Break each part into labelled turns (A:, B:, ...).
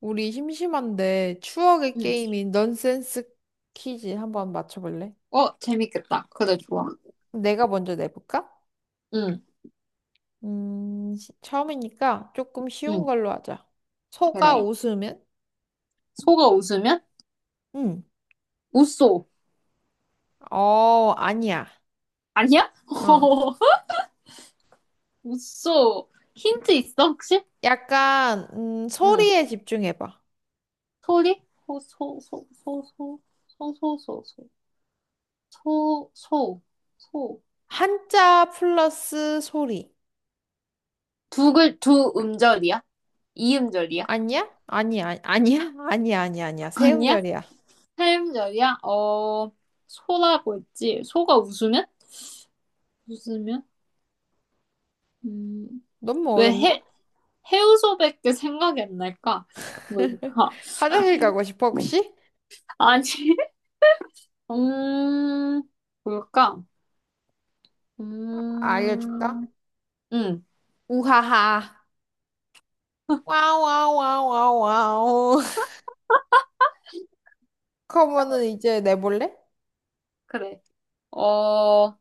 A: 우리 심심한데 추억의
B: 응.
A: 게임인 넌센스 퀴즈 한번 맞춰볼래?
B: 어, 재밌겠다. 그래, 좋아.
A: 내가 먼저 내볼까?
B: 응,
A: 처음이니까 조금 쉬운
B: 응,
A: 걸로 하자. 소가
B: 그래.
A: 웃으면?
B: 소가 웃으면?
A: 응.
B: 웃소.
A: 어, 아니야.
B: 아니야?
A: 어.
B: 웃소. 힌트 있어, 혹시?
A: 약간,
B: 응.
A: 소리에 집중해봐.
B: 소리? 소, 소, 소, 소, 소, 소, 소, 소, 소, 소, 소, 소.
A: 한자 플러스 소리.
B: 두 글, 두 음절이야? 이음절이야?
A: 아니야? 아니야, 아니야? 아니야, 아니야, 아니야. 세
B: 아니야?
A: 음절이야.
B: 삼음절이야? 어, 소라고 했지. 소가 웃으면? 웃으면? 음,
A: 너무
B: 왜
A: 어렵나?
B: 해, 해우소밖에 생각이 안 날까? 뭘까?
A: 화장실 가고 싶어, 혹시?
B: 아니, 음, 뭘까?
A: 알려줄까?
B: 음, 응,
A: 우하하. 와우, 와우, 와우, 와우, 그러 커버는 이제 내볼래?
B: 그래. 어,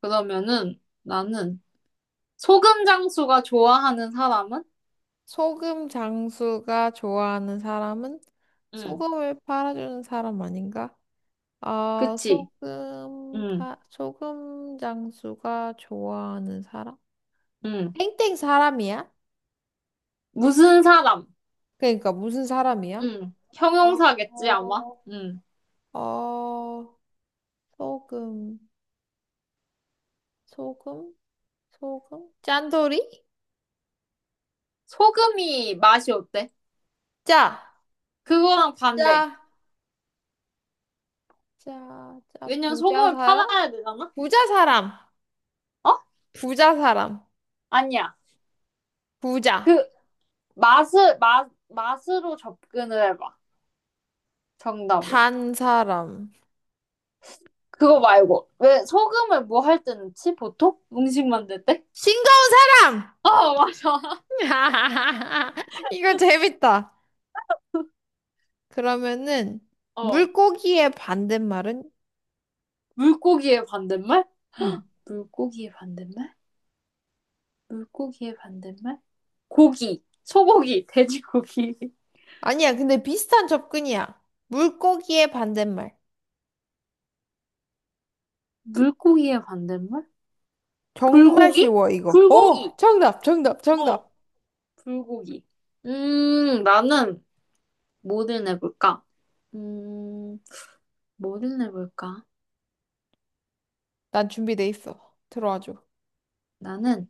B: 그러면은 나는 소금 장수가 좋아하는 사람은?
A: 소금 장수가 좋아하는 사람은
B: 응,
A: 소금을 팔아주는 사람 아닌가? 아,
B: 그치.
A: 소금,
B: 응,
A: 소금 장수가 좋아하는 사람?
B: 응.
A: 땡땡 사람이야?
B: 무슨 사람?
A: 그러니까 무슨 사람이야?
B: 응,
A: 어,
B: 형용사겠지, 아마?
A: 어,
B: 응.
A: 어, 소금, 소금, 소금? 짠돌이?
B: 소금이 맛이 어때?
A: 짜,
B: 그거랑 반대.
A: 짜, 짜, 짜,
B: 왜냐면
A: 부자
B: 소금을
A: 사람?
B: 팔아야 되잖아?
A: 부자 사람!
B: 어?
A: 부자 사람.
B: 아니야.
A: 부자.
B: 그, 맛을, 맛, 맛으로 접근을 해봐. 정답을.
A: 단 사람.
B: 그거 말고. 왜 소금을 뭐 할 때 넣지? 보통? 음식 만들 때?
A: 싱거운 사람!
B: 어, 맞아.
A: 이거 재밌다. 그러면은
B: 어.
A: 물고기의 반대말은?
B: 물고기의 반대말?
A: 음.
B: 물고기의 반대말? 물고기의 반대말? 고기. 소고기. 돼지고기.
A: 아니야, 근데 비슷한 접근이야. 물고기의 반대말.
B: 물고기의 반대말?
A: 정말
B: 불고기?
A: 쉬워, 이거.
B: 불고기.
A: 정답, 정답, 정답.
B: 어. 불고기. 나는 뭐를 내볼까? 음, 뭐를 내볼까?
A: 난 준비돼 있어. 들어와 줘.
B: 나는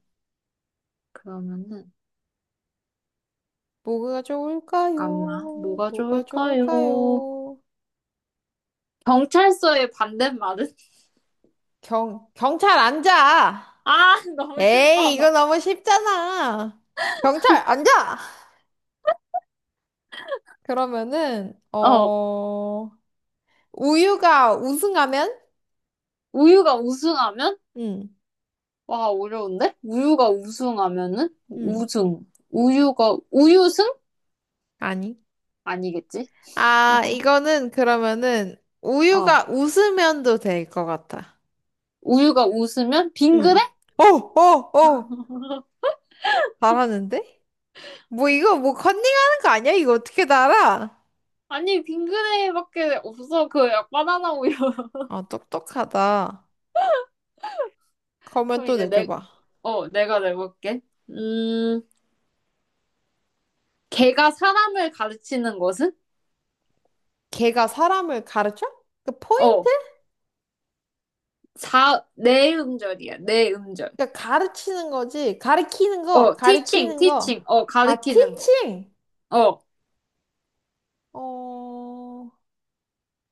B: 그러면은
A: 뭐가
B: 잠깐만.
A: 좋을까요?
B: 뭐가
A: 뭐가
B: 좋을까요?
A: 좋을까요?
B: 경찰서의 반대말은?
A: 경찰 앉아.
B: 아, 너무
A: 에이,
B: 신나
A: 이거
B: 봐.
A: 너무 쉽잖아. 경찰, 앉아! 그러면은,
B: 어,
A: 우유가 우승하면?
B: 우유가 우승하면?
A: 응,
B: 와, 어려운데? 우유가 우승하면은?
A: 응,
B: 우승. 우유가, 우유승?
A: 아니.
B: 아니겠지?
A: 아, 이거는 그러면은,
B: 어.
A: 우유가 웃으면도 될 것 같아.
B: 우유가 웃으면?
A: 응.
B: 빙그레?
A: 오, 오, 오! 잘하는데? 뭐 이거 뭐 컨닝하는 거 아니야? 이거 어떻게 알아?
B: 아니, 빙그레밖에 없어. 그, 약 바나나 우유.
A: 아, 똑똑하다. 그러면
B: 그럼
A: 또
B: 이제 내,
A: 내줘봐.
B: 어, 내가 내볼게. 음, 걔가 사람을 가르치는 것은?
A: 걔가 사람을 가르쳐? 그 포인트?
B: 어, 사 네 음절이야. 네 음절.
A: 그러니까 가르치는 거지. 가르키는 거,
B: 어, teaching,
A: 가르키는
B: teaching.
A: 거.
B: 어,
A: 아,
B: 가르치는 거.
A: teaching.
B: 어,
A: 어,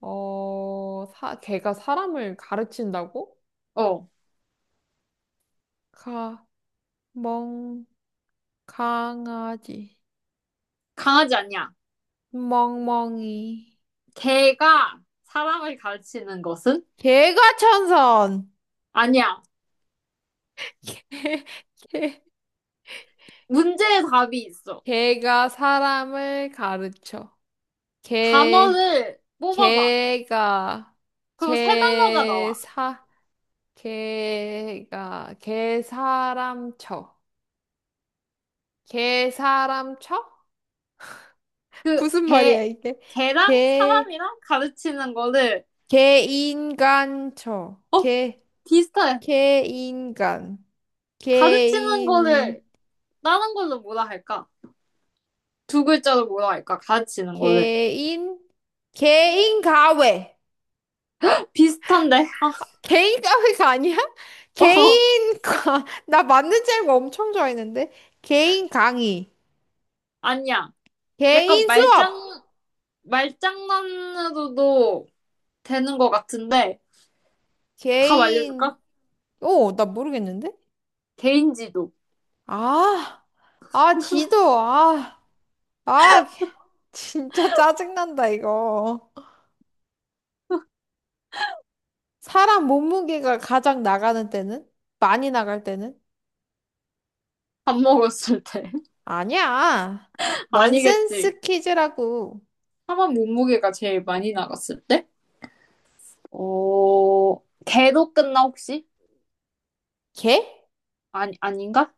A: 걔가 사람을 가르친다고?
B: 어.
A: 가, 멍, 강아지,
B: 강아지 아니야.
A: 멍멍이.
B: 걔가 사람을 가르치는 것은?
A: 개가 천선.
B: 아니야.
A: 개, 개,
B: 문제의 답이 있어.
A: 개가 사람을 가르쳐. 개,
B: 단어를 뽑아봐.
A: 개가,
B: 그럼 세 단어가 나와.
A: 개사, 개가, 개사람 쳐. 개사람쳐?
B: 그,
A: 무슨 말이야,
B: 걔,
A: 이게?
B: 걔랑
A: 개,
B: 사람이랑 가르치는 거를,
A: 개인간쳐.
B: 어, 비슷해.
A: 개인간.
B: 가르치는
A: 개인,
B: 거를 다른 걸로 뭐라 할까? 두 글자로 뭐라 할까? 가르치는 거를.
A: 개인, 개인가외.
B: 비슷한데? 아,
A: 아, 개인가외가 아니야?
B: 어,
A: 개인가, 나 맞는 줄 알고 엄청 좋아했는데? 개인 강의.
B: 아니야. 약간
A: 개인
B: 말장,
A: 수업.
B: 말장난으로도 되는 것 같은데, 답
A: 개인,
B: 알려줄까?
A: 오, 나 모르겠는데?
B: 개인지도.
A: 아, 아, 지도, 아. 아, 진짜 짜증난다, 이거. 사람 몸무게가 가장 나가는 때는? 많이 나갈 때는?
B: 밥 먹었을 때.
A: 아니야.
B: 아니겠지.
A: 넌센스 퀴즈라고.
B: 사람 몸무게가 제일 많이 나갔을 때? 어, 개로 끝나 혹시?
A: 개?
B: 아니, 아닌가?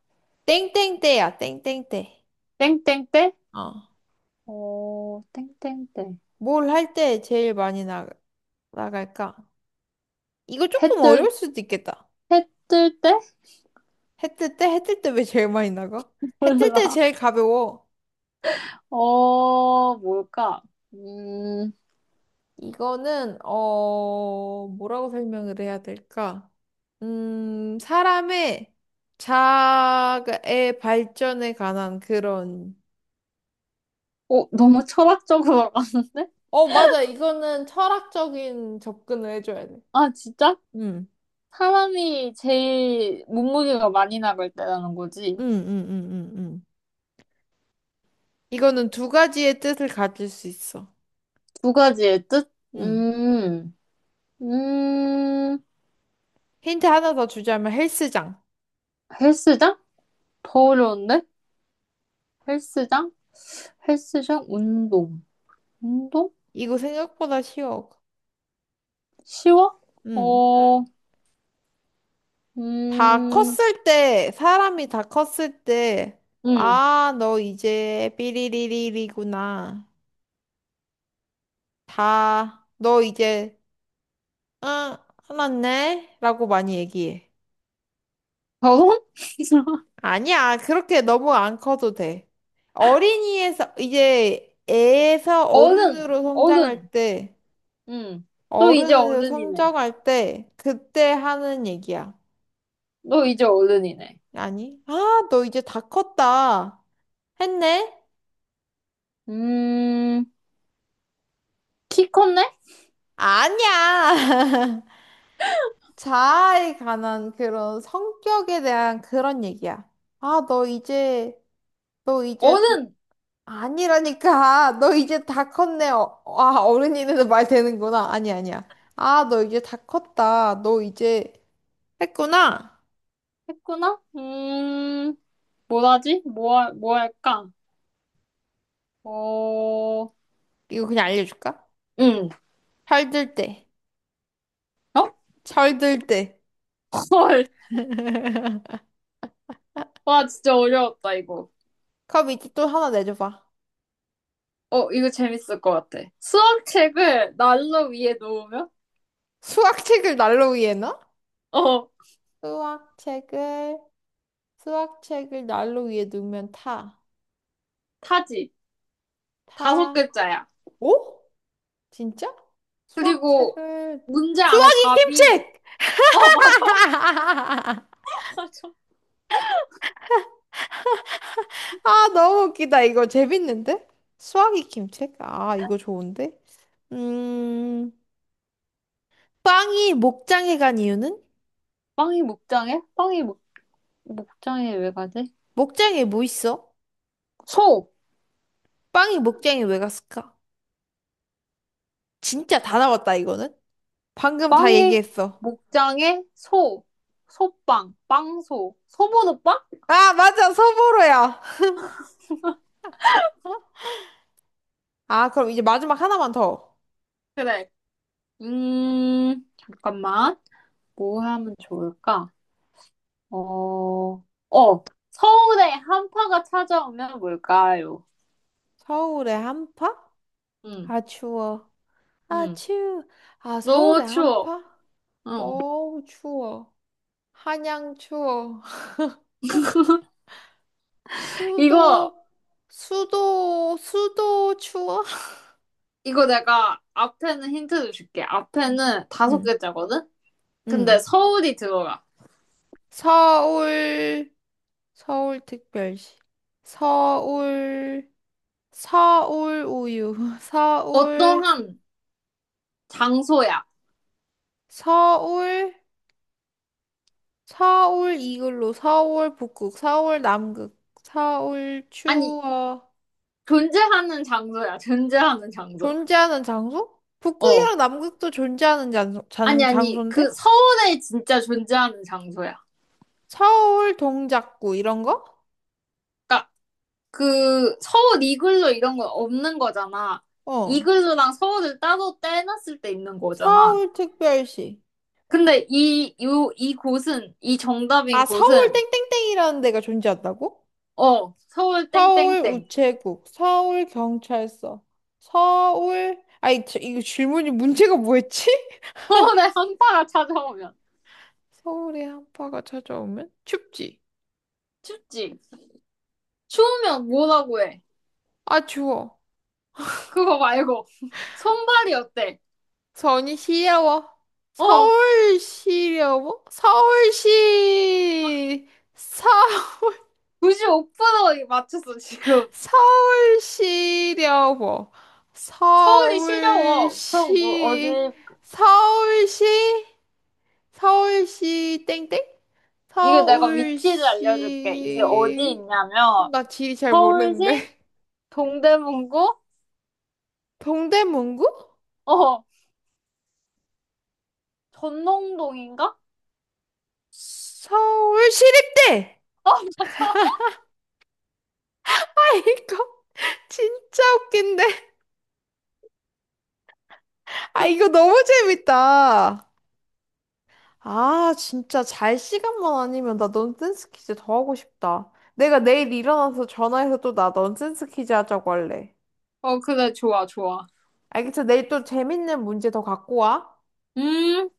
A: 땡땡때야, 땡땡때.
B: 땡땡때?
A: 어.
B: 어, 땡땡때.
A: 뭘 할 때 제일 많이 나갈까? 이거 조금
B: 해뜰,
A: 어려울 수도 있겠다.
B: 해뜰 때?
A: 해뜰 때? 해뜰 때 왜 제일 많이 나가? 해뜰 때
B: 몰라.
A: 제일 가벼워.
B: 어, 뭘까? 음,
A: 이거는, 뭐라고 설명을 해야 될까? 사람의 자아의 발전에 관한 그런,
B: 어, 너무 철학적으로 갔는데?
A: 어, 맞아. 이거는 철학적인 접근을 해줘야 돼.
B: 아, 진짜?
A: 응,
B: 사람이 제일 몸무게가 많이 나갈 때라는 거지.
A: 응, 응, 응, 응, 응. 이거는 두 가지의 뜻을 가질 수 있어.
B: 두 가지의 뜻?
A: 응.
B: 음,
A: 힌트 하나 더 주자면 헬스장.
B: 헬스장? 더 어려운데? 헬스장? 헬스장? 운동. 운동?
A: 이거 생각보다 쉬워.
B: 쉬워?
A: 응.
B: 어,
A: 다
B: 음,
A: 컸을 때, 사람이 다 컸을 때,
B: 음.
A: 아, 너 이제 삐리리리리구나. 너 이제, 응, 화났네? 라고 많이 얘기해.
B: 결혼?
A: 아니야, 그렇게 너무 안 커도 돼. 어린이에서, 이제 애에서
B: 어른!
A: 어른으로 성장할
B: 어른!
A: 때,
B: 음. 너 이제
A: 어른으로
B: 어른이네.
A: 성장할 때, 그때 하는 얘기야.
B: 너 이제 어른이네.
A: 아니, 아, 너 이제 다 컸다. 했네?
B: 음, 키 컸네?
A: 아니야! 자아에 관한 그런 성격에 대한 그런 얘기야. 아, 너 이제, 너 이제 다,
B: 어른!
A: 아니라니까. 너 이제 다 컸네. 어, 아, 어른이는 말 되는구나. 아니, 아니야. 아, 너 이제 다 컸다. 너 이제 했구나.
B: 했구나? 뭐라지? 뭐, 뭐 할까? 어,
A: 이거 그냥 알려줄까?
B: 음.
A: 철들 때.
B: 어?
A: 철들 때.
B: 헐. 와, 진짜 어려웠다, 이거.
A: 그럼 이제 또 하나 내줘봐.
B: 어, 이거 재밌을 것 같아. 수학책을 난로 위에 놓으면?
A: 수학책을 난로 위에 넣어?
B: 어,
A: 수학책을, 수학책을 난로 위에 놓으면 타.
B: 타지. 다섯
A: 타.
B: 글자야.
A: 오? 진짜?
B: 그리고
A: 수학책을
B: 문제 안에
A: 수학이
B: 답이,
A: 김책!
B: 어, 맞아. 맞아.
A: 아, 너무 웃기다. 이거 재밌는데? 수학이 김책? 아, 이거 좋은데? 음, 빵이 목장에 간 이유는?
B: 빵이 목장에? 빵이 목, 목장에 왜 가지?
A: 목장에 뭐 있어?
B: 소!
A: 빵이 목장에 왜 갔을까? 진짜 다 나왔다, 이거는? 방금 다
B: 빵이
A: 얘기했어.
B: 목장에 소! 소빵, 빵소. 소보노빵?
A: 아, 맞아. 서보로야. 아, 그럼 이제 마지막 하나만 더.
B: 그래. 잠깐만. 뭐 하면 좋을까? 어, 어, 서울에 한파가 찾아오면 뭘까요?
A: 서울의 한파?
B: 응,
A: 아, 추워. 아,
B: 응.
A: 추워. 아,
B: 너무
A: 서울의
B: 추워.
A: 한파?
B: 어.
A: 어우, 추워. 한양 추워.
B: 이거,
A: 수도, 수도, 수도 추워.
B: 이거 내가 앞에는 힌트를 줄게.
A: 음.
B: 앞에는 다섯
A: 응,
B: 글자거든? 근데
A: 응.
B: 서울이 들어가.
A: 서울, 서울특별시. 서울, 서울 우유.
B: 어떠한 장소야.
A: 서울, 서울 이글루. 서울 북극. 서울 남극. 서울
B: 아니,
A: 추워.
B: 존재하는 장소야. 존재하는 장소.
A: 존재하는 장소?
B: 어.
A: 북극이랑 남극도 존재하는 장소,
B: 아니, 아니,
A: 장소인데?
B: 그 서울에 진짜 존재하는 장소야.
A: 서울 동작구 이런 거?
B: 그러니까 그 서울 이글루 이런 건 없는 거잖아.
A: 어.
B: 이글루랑 서울을 따로 떼놨을 때 있는 거잖아.
A: 서울특별시.
B: 근데 이, 요, 이 곳은, 이 정답인
A: 아, 서울
B: 곳은
A: 땡땡땡이라는 데가 존재한다고?
B: 어, 서울
A: 서울
B: 땡땡땡.
A: 우체국, 서울 경찰서, 서울 아이 이거 질문이 문제가 뭐였지?
B: 서울에 한파가 찾아오면
A: 서울의 한파가 찾아오면 춥지.
B: 춥지. 추우면 뭐라고 해?
A: 아, 추워.
B: 그거 말고 손발이 어때?
A: 서울이 시려워.
B: 어,
A: 서울 시려워? 서울시 서
B: 95% 맞췄어 지금.
A: 서울시려고.
B: 서울이 시려워. 그럼 뭐 어디
A: 서울시, 서울시, 서울시, 땡땡?
B: 이거 내가 위치를 알려줄게. 이게 어디
A: 서울시,
B: 있냐면
A: 나 지리 잘
B: 서울시
A: 모르는데.
B: 동대문구
A: 동대문구?
B: 어 전농동인가?
A: 서울시립대!
B: 어 맞아.
A: 아, 이거 진짜 웃긴데. 아, 이거 너무 재밌다. 아, 진짜 잘 시간만 아니면 나 넌센스 퀴즈 더 하고 싶다. 내가 내일 일어나서 전화해서 또 나 넌센스 퀴즈 하자고 할래.
B: 어, 그래 좋아 좋아.
A: 알겠어? 내일 또 재밌는 문제 더 갖고 와.
B: 음.